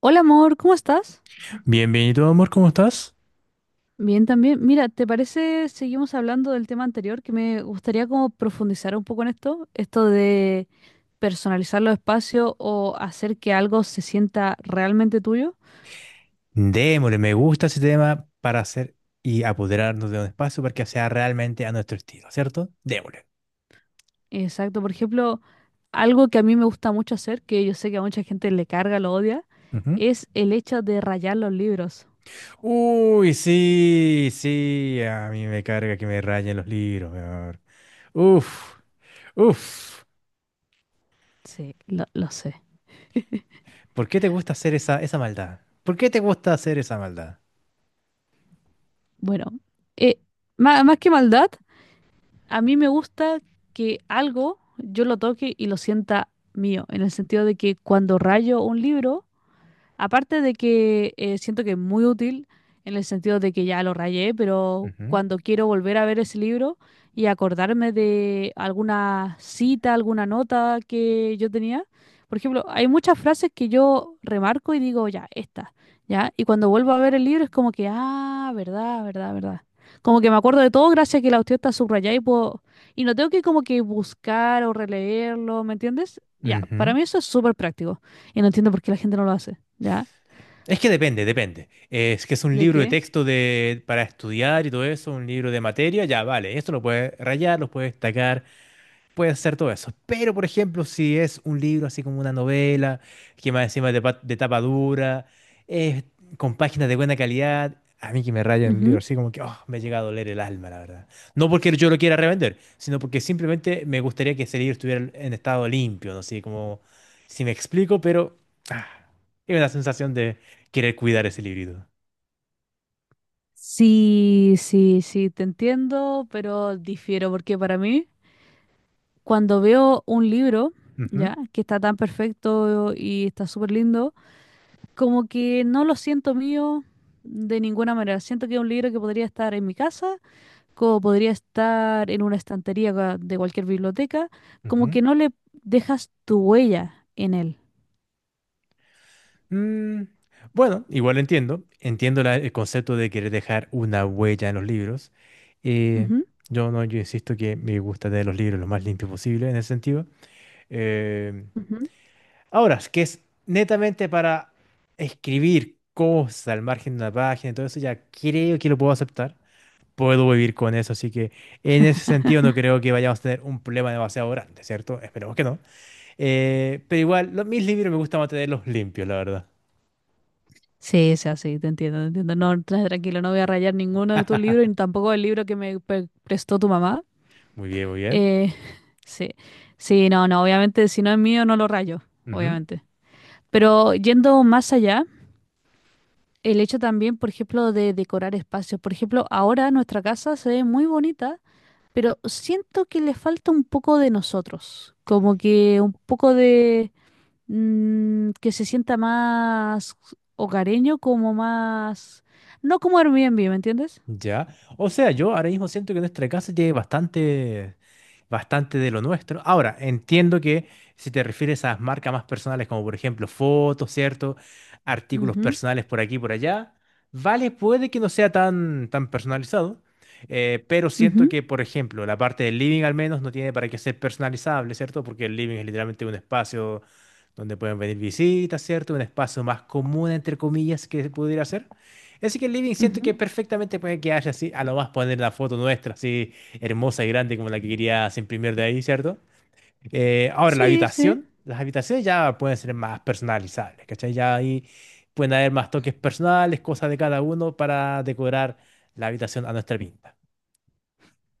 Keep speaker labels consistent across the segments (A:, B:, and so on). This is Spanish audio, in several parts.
A: Hola amor, ¿cómo estás?
B: Bienvenido, amor, ¿cómo estás?
A: Bien también. Mira, ¿te parece seguimos hablando del tema anterior que me gustaría como profundizar un poco en esto de personalizar los espacios o hacer que algo se sienta realmente tuyo?
B: Démosle, me gusta a ese tema para hacer y apoderarnos de un espacio para que sea realmente a nuestro estilo, ¿cierto? Démosle.
A: Exacto, por ejemplo, algo que a mí me gusta mucho hacer, que yo sé que a mucha gente le carga, lo odia,
B: Ujú.
A: es el hecho de rayar los libros.
B: Uy, sí, sí, a mí me carga que me rayen los libros, mi amor. Uf, uf.
A: Sí, lo sé.
B: ¿Por qué te gusta hacer esa maldad? ¿Por qué te gusta hacer esa maldad?
A: Bueno, eh, más, que maldad, a mí me gusta que algo yo lo toque y lo sienta mío, en el sentido de que cuando rayo un libro, aparte de que siento que es muy útil en el sentido de que ya lo rayé, pero
B: Ujú,
A: cuando quiero volver a ver ese libro y acordarme de alguna cita, alguna nota que yo tenía, por ejemplo, hay muchas frases que yo remarco y digo, ya, esta, ya, y cuando vuelvo a ver el libro es como que, ah, verdad, verdad, verdad. Como que me acuerdo de todo gracias a que la cuestión está subrayada y puedo, y no tengo que como que buscar o releerlo, ¿me entiendes? Ya, para
B: ujú.
A: mí eso es súper práctico y no entiendo por qué la gente no lo hace. ¿Ya?
B: Es que depende. Es que es un
A: ¿De
B: libro de
A: qué?
B: texto de, para estudiar y todo eso, un libro de materia, ya vale. Esto lo puedes rayar, lo puedes destacar, puede ser todo eso. Pero, por ejemplo, si es un libro así como una novela, que más encima es de, de tapa dura, eh, con páginas de buena calidad, a mí que me rayan el libro,
A: Ujú.
B: así como que oh, me llega a doler el alma, la verdad. No porque yo lo quiera revender, sino porque simplemente me gustaría que ese libro estuviera en estado limpio, no sé como si me explico, pero ah, es una sensación de querer cuidar ese librito.
A: Sí, sí, sí, te entiendo, pero difiero porque para mí, cuando veo un libro,
B: Ujú,
A: ¿ya? Que está tan perfecto y está súper lindo, como que no lo siento mío de ninguna manera. Siento que es un libro que podría estar en mi casa, como podría estar en una estantería de cualquier biblioteca,
B: ujú.
A: como que no le dejas tu huella en él.
B: Mm, bueno, igual entiendo. Entiendo el concepto de querer dejar una huella en los libros. Eh,
A: Ujú,
B: yo no, yo insisto que me gusta tener los libros lo más limpios posible en ese sentido. Eh,
A: ujú.
B: ahora, es que es netamente para escribir cosas al margen de una página y todo eso, ya creo que lo puedo aceptar. Puedo vivir con eso, así que en ese sentido no creo que vayamos a tener un problema demasiado grande, ¿cierto? Esperemos que no. Pero igual, mis libros me gusta mantenerlos limpios, la verdad.
A: Sí, sí, así, te entiendo, te entiendo. No, tranquilo, no voy a rayar ninguno de tus libros, ni tampoco el libro que me prestó tu mamá.
B: Muy bien, muy bien.
A: Eh, sí, sí, no, no, obviamente, si no es mío, no lo rayo,
B: Ujú.
A: obviamente. Pero yendo más allá, el hecho también, por ejemplo, de decorar espacios. Por ejemplo, ahora nuestra casa se ve muy bonita, pero siento que le falta un poco de nosotros, como que un poco de que se sienta más hogareño, como más, no como Airbnb, ¿me entiendes?
B: Ya. O sea, yo ahora mismo siento que nuestra casa tiene bastante de lo nuestro. Ahora, entiendo que si te refieres a marcas más personales, como por ejemplo fotos, ¿cierto? Artículos
A: Ujú,
B: personales por aquí y por allá, vale, puede que no sea tan personalizado, pero siento
A: ujú,
B: que, por ejemplo, la parte del living al menos no tiene para qué ser personalizable, ¿cierto? Porque el living es literalmente un espacio donde pueden venir visitas, ¿cierto? Un espacio más común, entre comillas, que pudiera ser. Así que el living siento que
A: ujú.
B: perfectamente puede quedarse así. A lo más poner la foto nuestra así hermosa y grande como la que querías imprimir de ahí, ¿cierto? Ahora, la
A: Sí, sí.
B: habitación. Las habitaciones ya pueden ser más personalizables, ¿cachai? Ya ahí pueden haber más toques personales, cosas de cada uno para decorar la habitación a nuestra pinta.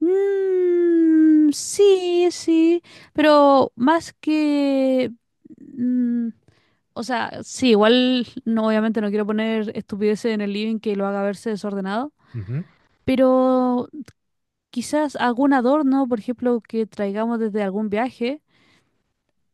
A: Sí, sí, pero más que... mm, o sea, sí, igual no, obviamente no quiero poner estupideces en el living que lo haga verse desordenado,
B: Ujú.
A: pero quizás algún adorno, por ejemplo, que traigamos desde algún viaje,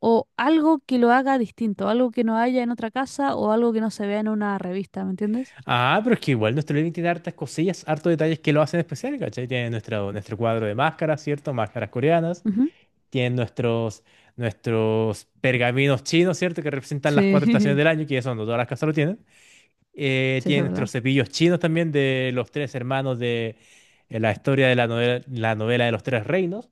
A: o algo que lo haga distinto, algo que no haya en otra casa o algo que no se vea en una revista, ¿me entiendes?
B: Ah, pero es que igual nuestro living tiene hartas cosillas, hartos detalles que lo hacen especial, ¿cachai? Tiene nuestro cuadro de máscaras, ¿cierto? Máscaras coreanas.
A: Ujú.
B: Tienen nuestros, nuestros pergaminos chinos, ¿cierto? Que representan las cuatro estaciones
A: Sí,
B: del año, que ya son, no todas las casas lo tienen.
A: sí, eso
B: Tienen
A: es
B: nuestros
A: verdad.
B: cepillos chinos también de los tres hermanos de la historia de la novela de los tres reinos.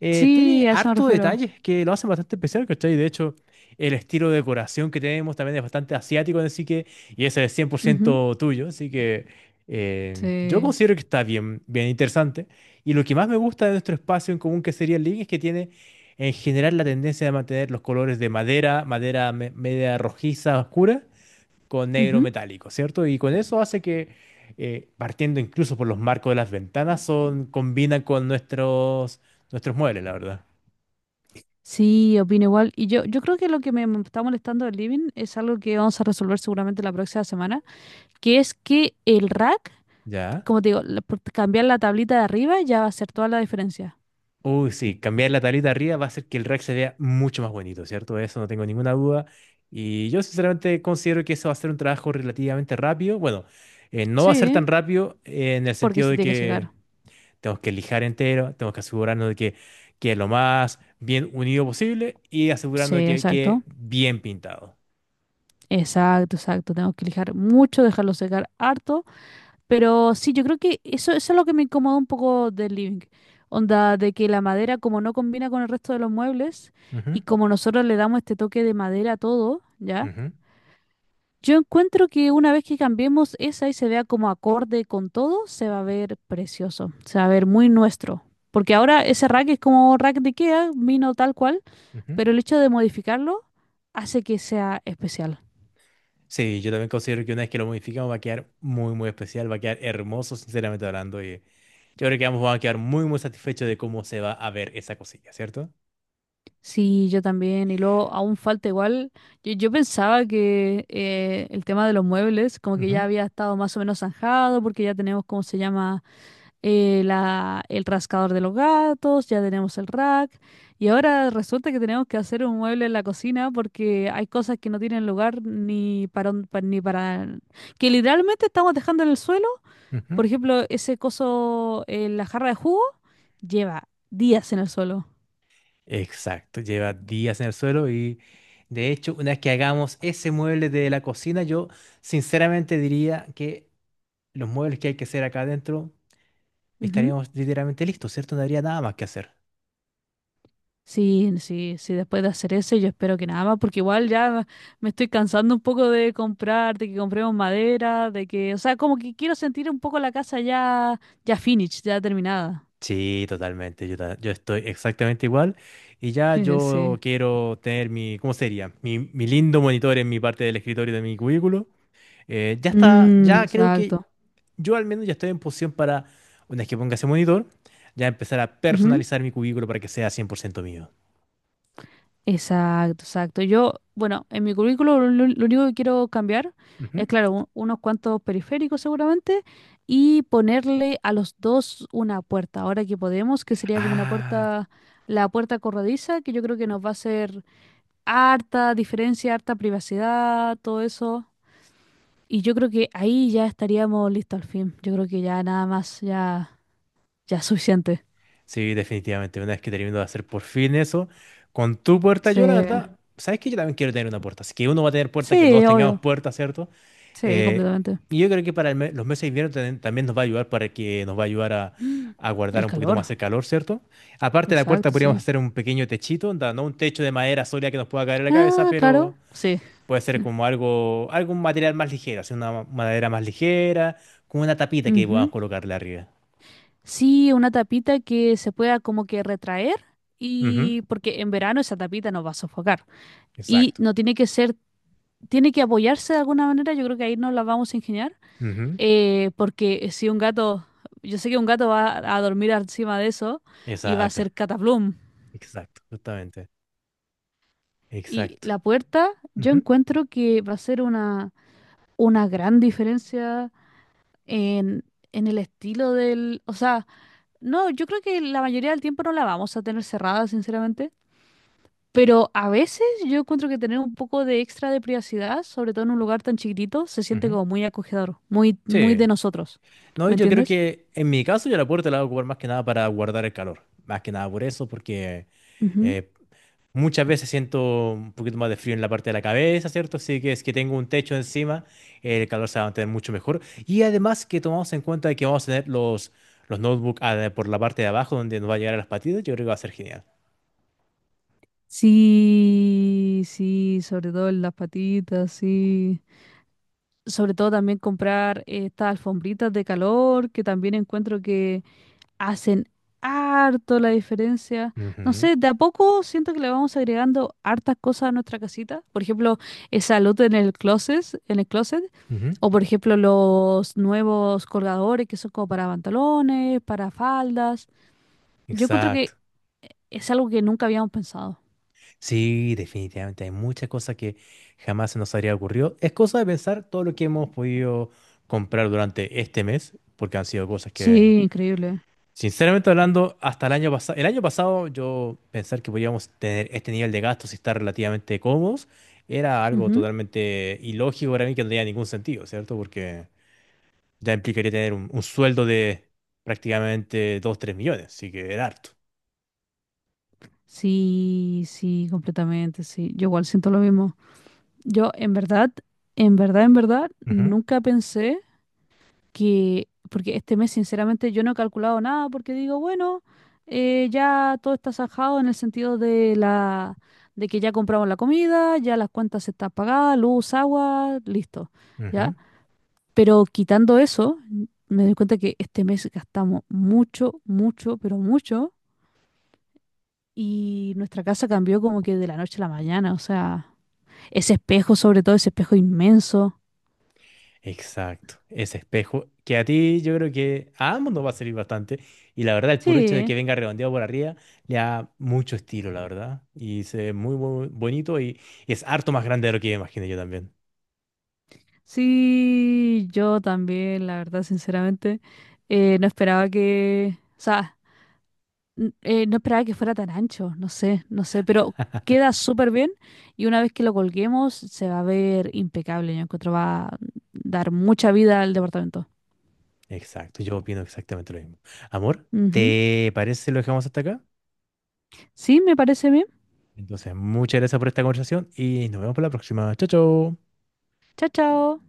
B: Tiene
A: Sí, a eso me
B: harto
A: refiero.
B: detalles que lo hacen bastante especial, ¿cachai? De hecho, el estilo de decoración que tenemos también es bastante asiático, así que, y ese es cien por
A: Ujú.
B: ciento tuyo, así que yo
A: Sí.
B: considero que está bien, bien interesante. Y lo que más me gusta de nuestro espacio en común, que sería el living, es que tiene en general la tendencia de mantener los colores de madera, madera media rojiza, oscura, con negro
A: Ujú.
B: metálico, ¿cierto? Y con eso hace que, partiendo incluso por los marcos de las ventanas, son, combinan con nuestros muebles, la verdad.
A: Sí, opino igual. Y yo creo que lo que me está molestando del living es algo que vamos a resolver seguramente la próxima semana, que es que el rack,
B: ¿Ya?
A: como te digo, por cambiar la tablita de arriba ya va a hacer toda la diferencia.
B: Uy, sí, cambiar la tablita arriba va a hacer que el rack se vea mucho más bonito, ¿cierto? De eso no tengo ninguna duda. Y yo sinceramente considero que eso va a ser un trabajo relativamente rápido. Bueno, no va a ser tan
A: Sí,
B: rápido en el
A: porque
B: sentido
A: se
B: de
A: tiene que
B: que
A: secar.
B: tenemos que lijar entero, tenemos que asegurarnos de que quede lo más bien unido posible y
A: Sí,
B: asegurarnos de que
A: exacto.
B: quede bien pintado.
A: Exacto, exacto. Tengo que lijar mucho, dejarlo secar harto. Pero sí, yo creo que eso es lo que me incomoda un poco del living. Onda de que la madera, como no combina con el resto de los muebles,
B: Ujú,
A: y como nosotros le damos este toque de madera a todo, ¿ya?
B: ujú,
A: Yo encuentro que una vez que cambiemos esa y se vea como acorde con todo, se va a ver precioso, se va a ver muy nuestro. Porque ahora ese rack es como rack de IKEA, vino tal cual,
B: ujú.
A: pero el hecho de modificarlo hace que sea especial.
B: Sí, yo también considero que una vez que lo modificamos va a quedar muy, muy especial, va a quedar hermoso, sinceramente hablando. Y yo creo que ambos van a quedar muy, muy satisfechos de cómo se va a ver esa cosilla, ¿cierto?
A: Sí, yo también. Y luego aún falta igual. Yo pensaba que el tema de los muebles como que
B: Ujú,
A: ya había estado más o menos zanjado porque ya tenemos, ¿cómo se llama? El rascador de los gatos, ya tenemos el rack. Y ahora resulta que tenemos que hacer un mueble en la cocina porque hay cosas que no tienen lugar ni para, ni para... que literalmente estamos dejando en el suelo.
B: ujú.
A: Por ejemplo, ese coso, la jarra de jugo, lleva días en el suelo.
B: Exacto, lleva días en el suelo y de hecho, una vez que hagamos ese mueble de la cocina, yo sinceramente diría que los muebles que hay que hacer acá adentro estaríamos literalmente listos, ¿cierto? No habría nada más que hacer.
A: Sí, sí, sí, después de hacer ese yo espero que nada más, porque igual ya me estoy cansando un poco de comprar, de que compremos madera, de que, o sea, como que quiero sentir un poco la casa ya, ya finished, ya terminada.
B: Sí, totalmente. Yo, yo estoy exactamente igual. Y ya yo
A: Sí.
B: quiero tener mi, ¿cómo sería? Mi lindo monitor en mi parte del escritorio de mi cubículo. Ya está, ya creo que
A: Exacto.
B: yo al menos ya estoy en posición para, una vez que ponga ese monitor, ya empezar a personalizar mi cubículo para que sea 100% mío.
A: Exacto, exacto. Yo, bueno, en mi currículo lo único que quiero cambiar
B: Ujú.
A: es, claro, unos cuantos periféricos seguramente y ponerle a los dos una puerta. Ahora que podemos, que sería como una
B: Ah,
A: puerta, la puerta corrediza, que yo creo que nos va a hacer harta diferencia, harta privacidad, todo eso. Y yo creo que ahí ya estaríamos listos al fin. Yo creo que ya nada más, ya, ya es suficiente.
B: sí, definitivamente. Una vez que termino de hacer por fin eso, con tu puerta,
A: Sí,
B: yo la verdad, ¿sabes que Yo también quiero tener una puerta. Así que uno va a tener puerta, que los dos
A: sí,
B: tengamos
A: obvio.
B: puerta, ¿cierto?
A: Sí,
B: Eh,
A: completamente.
B: y yo creo que para los meses de invierno también, también nos va a ayudar para que nos va a ayudar a guardar
A: El
B: un poquito
A: calor,
B: más el calor, ¿cierto? Aparte de la puerta
A: exacto,
B: podríamos
A: sí.
B: hacer un pequeño techito, onda, no un techo de madera sólida que nos pueda caer en la cabeza,
A: Ah,
B: pero
A: claro, sí.
B: puede ser como algún material más ligero, así una madera más ligera, con una tapita que podamos
A: Ujú.
B: colocarle arriba.
A: Sí, una tapita que se pueda como que retraer
B: Ujú.
A: y porque en verano esa tapita nos va a sofocar y
B: Exacto.
A: no tiene que ser, tiene que apoyarse de alguna manera, yo creo que ahí nos la vamos a ingeniar
B: Ujú.
A: porque si un gato, yo sé que un gato va a dormir encima de eso y va a
B: Exacto.
A: ser cataplum
B: Exacto. Justamente.
A: y
B: Exacto.
A: la puerta yo
B: Ujú,
A: encuentro que va a ser una gran diferencia en, en el estilo del, o sea... No, yo creo que la mayoría del tiempo no la vamos a tener cerrada, sinceramente. Pero a veces yo encuentro que tener un poco de extra de privacidad, sobre todo en un lugar tan chiquitito, se siente
B: ujú.
A: como muy acogedor, muy, muy de
B: Sí.
A: nosotros.
B: No,
A: ¿Me
B: y yo creo
A: entiendes?
B: que en mi caso yo la puerta la voy a ocupar más que nada para guardar el calor. Más que nada por eso, porque
A: Ujú.
B: eh, muchas veces siento un poquito más de frío en la parte de la cabeza, ¿cierto? Así que es que tengo un techo encima, el calor se va a mantener mucho mejor. Y además que tomamos en cuenta que vamos a tener los notebooks ah, por la parte de abajo donde nos va a llegar a las patitas, yo creo que va a ser genial.
A: Sí, sí, sobre todo en las patitas, sí. Sobre todo también comprar estas alfombritas de calor, que también encuentro hacen harto la diferencia. No
B: Ujú,
A: sé, de a poco siento que le vamos agregando hartas cosas a nuestra casita. Por ejemplo, esa luz en el closet, en el closet.
B: ujú.
A: O por ejemplo, los nuevos colgadores que son como para pantalones, para faldas. Yo encuentro que
B: Exacto.
A: es algo que nunca habíamos pensado.
B: Sí, definitivamente hay muchas cosas que jamás se nos habría ocurrido. Es cosa de pensar todo lo que hemos podido comprar durante este mes, porque han sido cosas que,
A: Sí, increíble.
B: sinceramente hablando, hasta el año pasado yo pensar que podíamos tener este nivel de gastos y estar relativamente cómodos era algo
A: Ujú.
B: totalmente ilógico para mí que no tenía ningún sentido, ¿cierto? Porque ya implicaría tener un sueldo de prácticamente 2 o 3 millones, así que era harto.
A: Sí, sí, completamente, sí. Yo igual siento lo mismo. Yo en verdad, en verdad, en verdad,
B: Ujú,
A: nunca pensé. Que, porque este mes sinceramente yo no he calculado nada porque digo, bueno, ya todo está sajado en el sentido de la, de que ya compramos la comida, ya las cuentas están pagadas, luz, agua, listo,
B: ujú.
A: ¿ya? Pero quitando eso, me doy cuenta que este mes gastamos mucho, mucho, pero mucho y nuestra casa cambió como que de la noche a la mañana, o sea, ese espejo, sobre todo ese espejo inmenso.
B: Exacto, ese espejo que a ti yo creo que a ambos nos va a servir bastante y la verdad el puro hecho de
A: Sí.
B: que venga redondeado por arriba le da mucho estilo, la verdad, y se ve muy, bonito y es harto más grande de lo que imaginé yo también.
A: Sí, yo también, la verdad, sinceramente, no esperaba que, o sea, no esperaba que fuera tan ancho, no sé, no sé, pero queda súper bien y una vez que lo colguemos se va a ver impecable, yo encuentro va a dar mucha vida al departamento.
B: Exacto, yo opino exactamente lo mismo. Amor,
A: Ujú.
B: ¿te parece si lo dejamos hasta acá?
A: Sí, me parece bien.
B: Entonces, muchas gracias por esta conversación y nos vemos para la próxima. Chao, chao.
A: Chao, chao.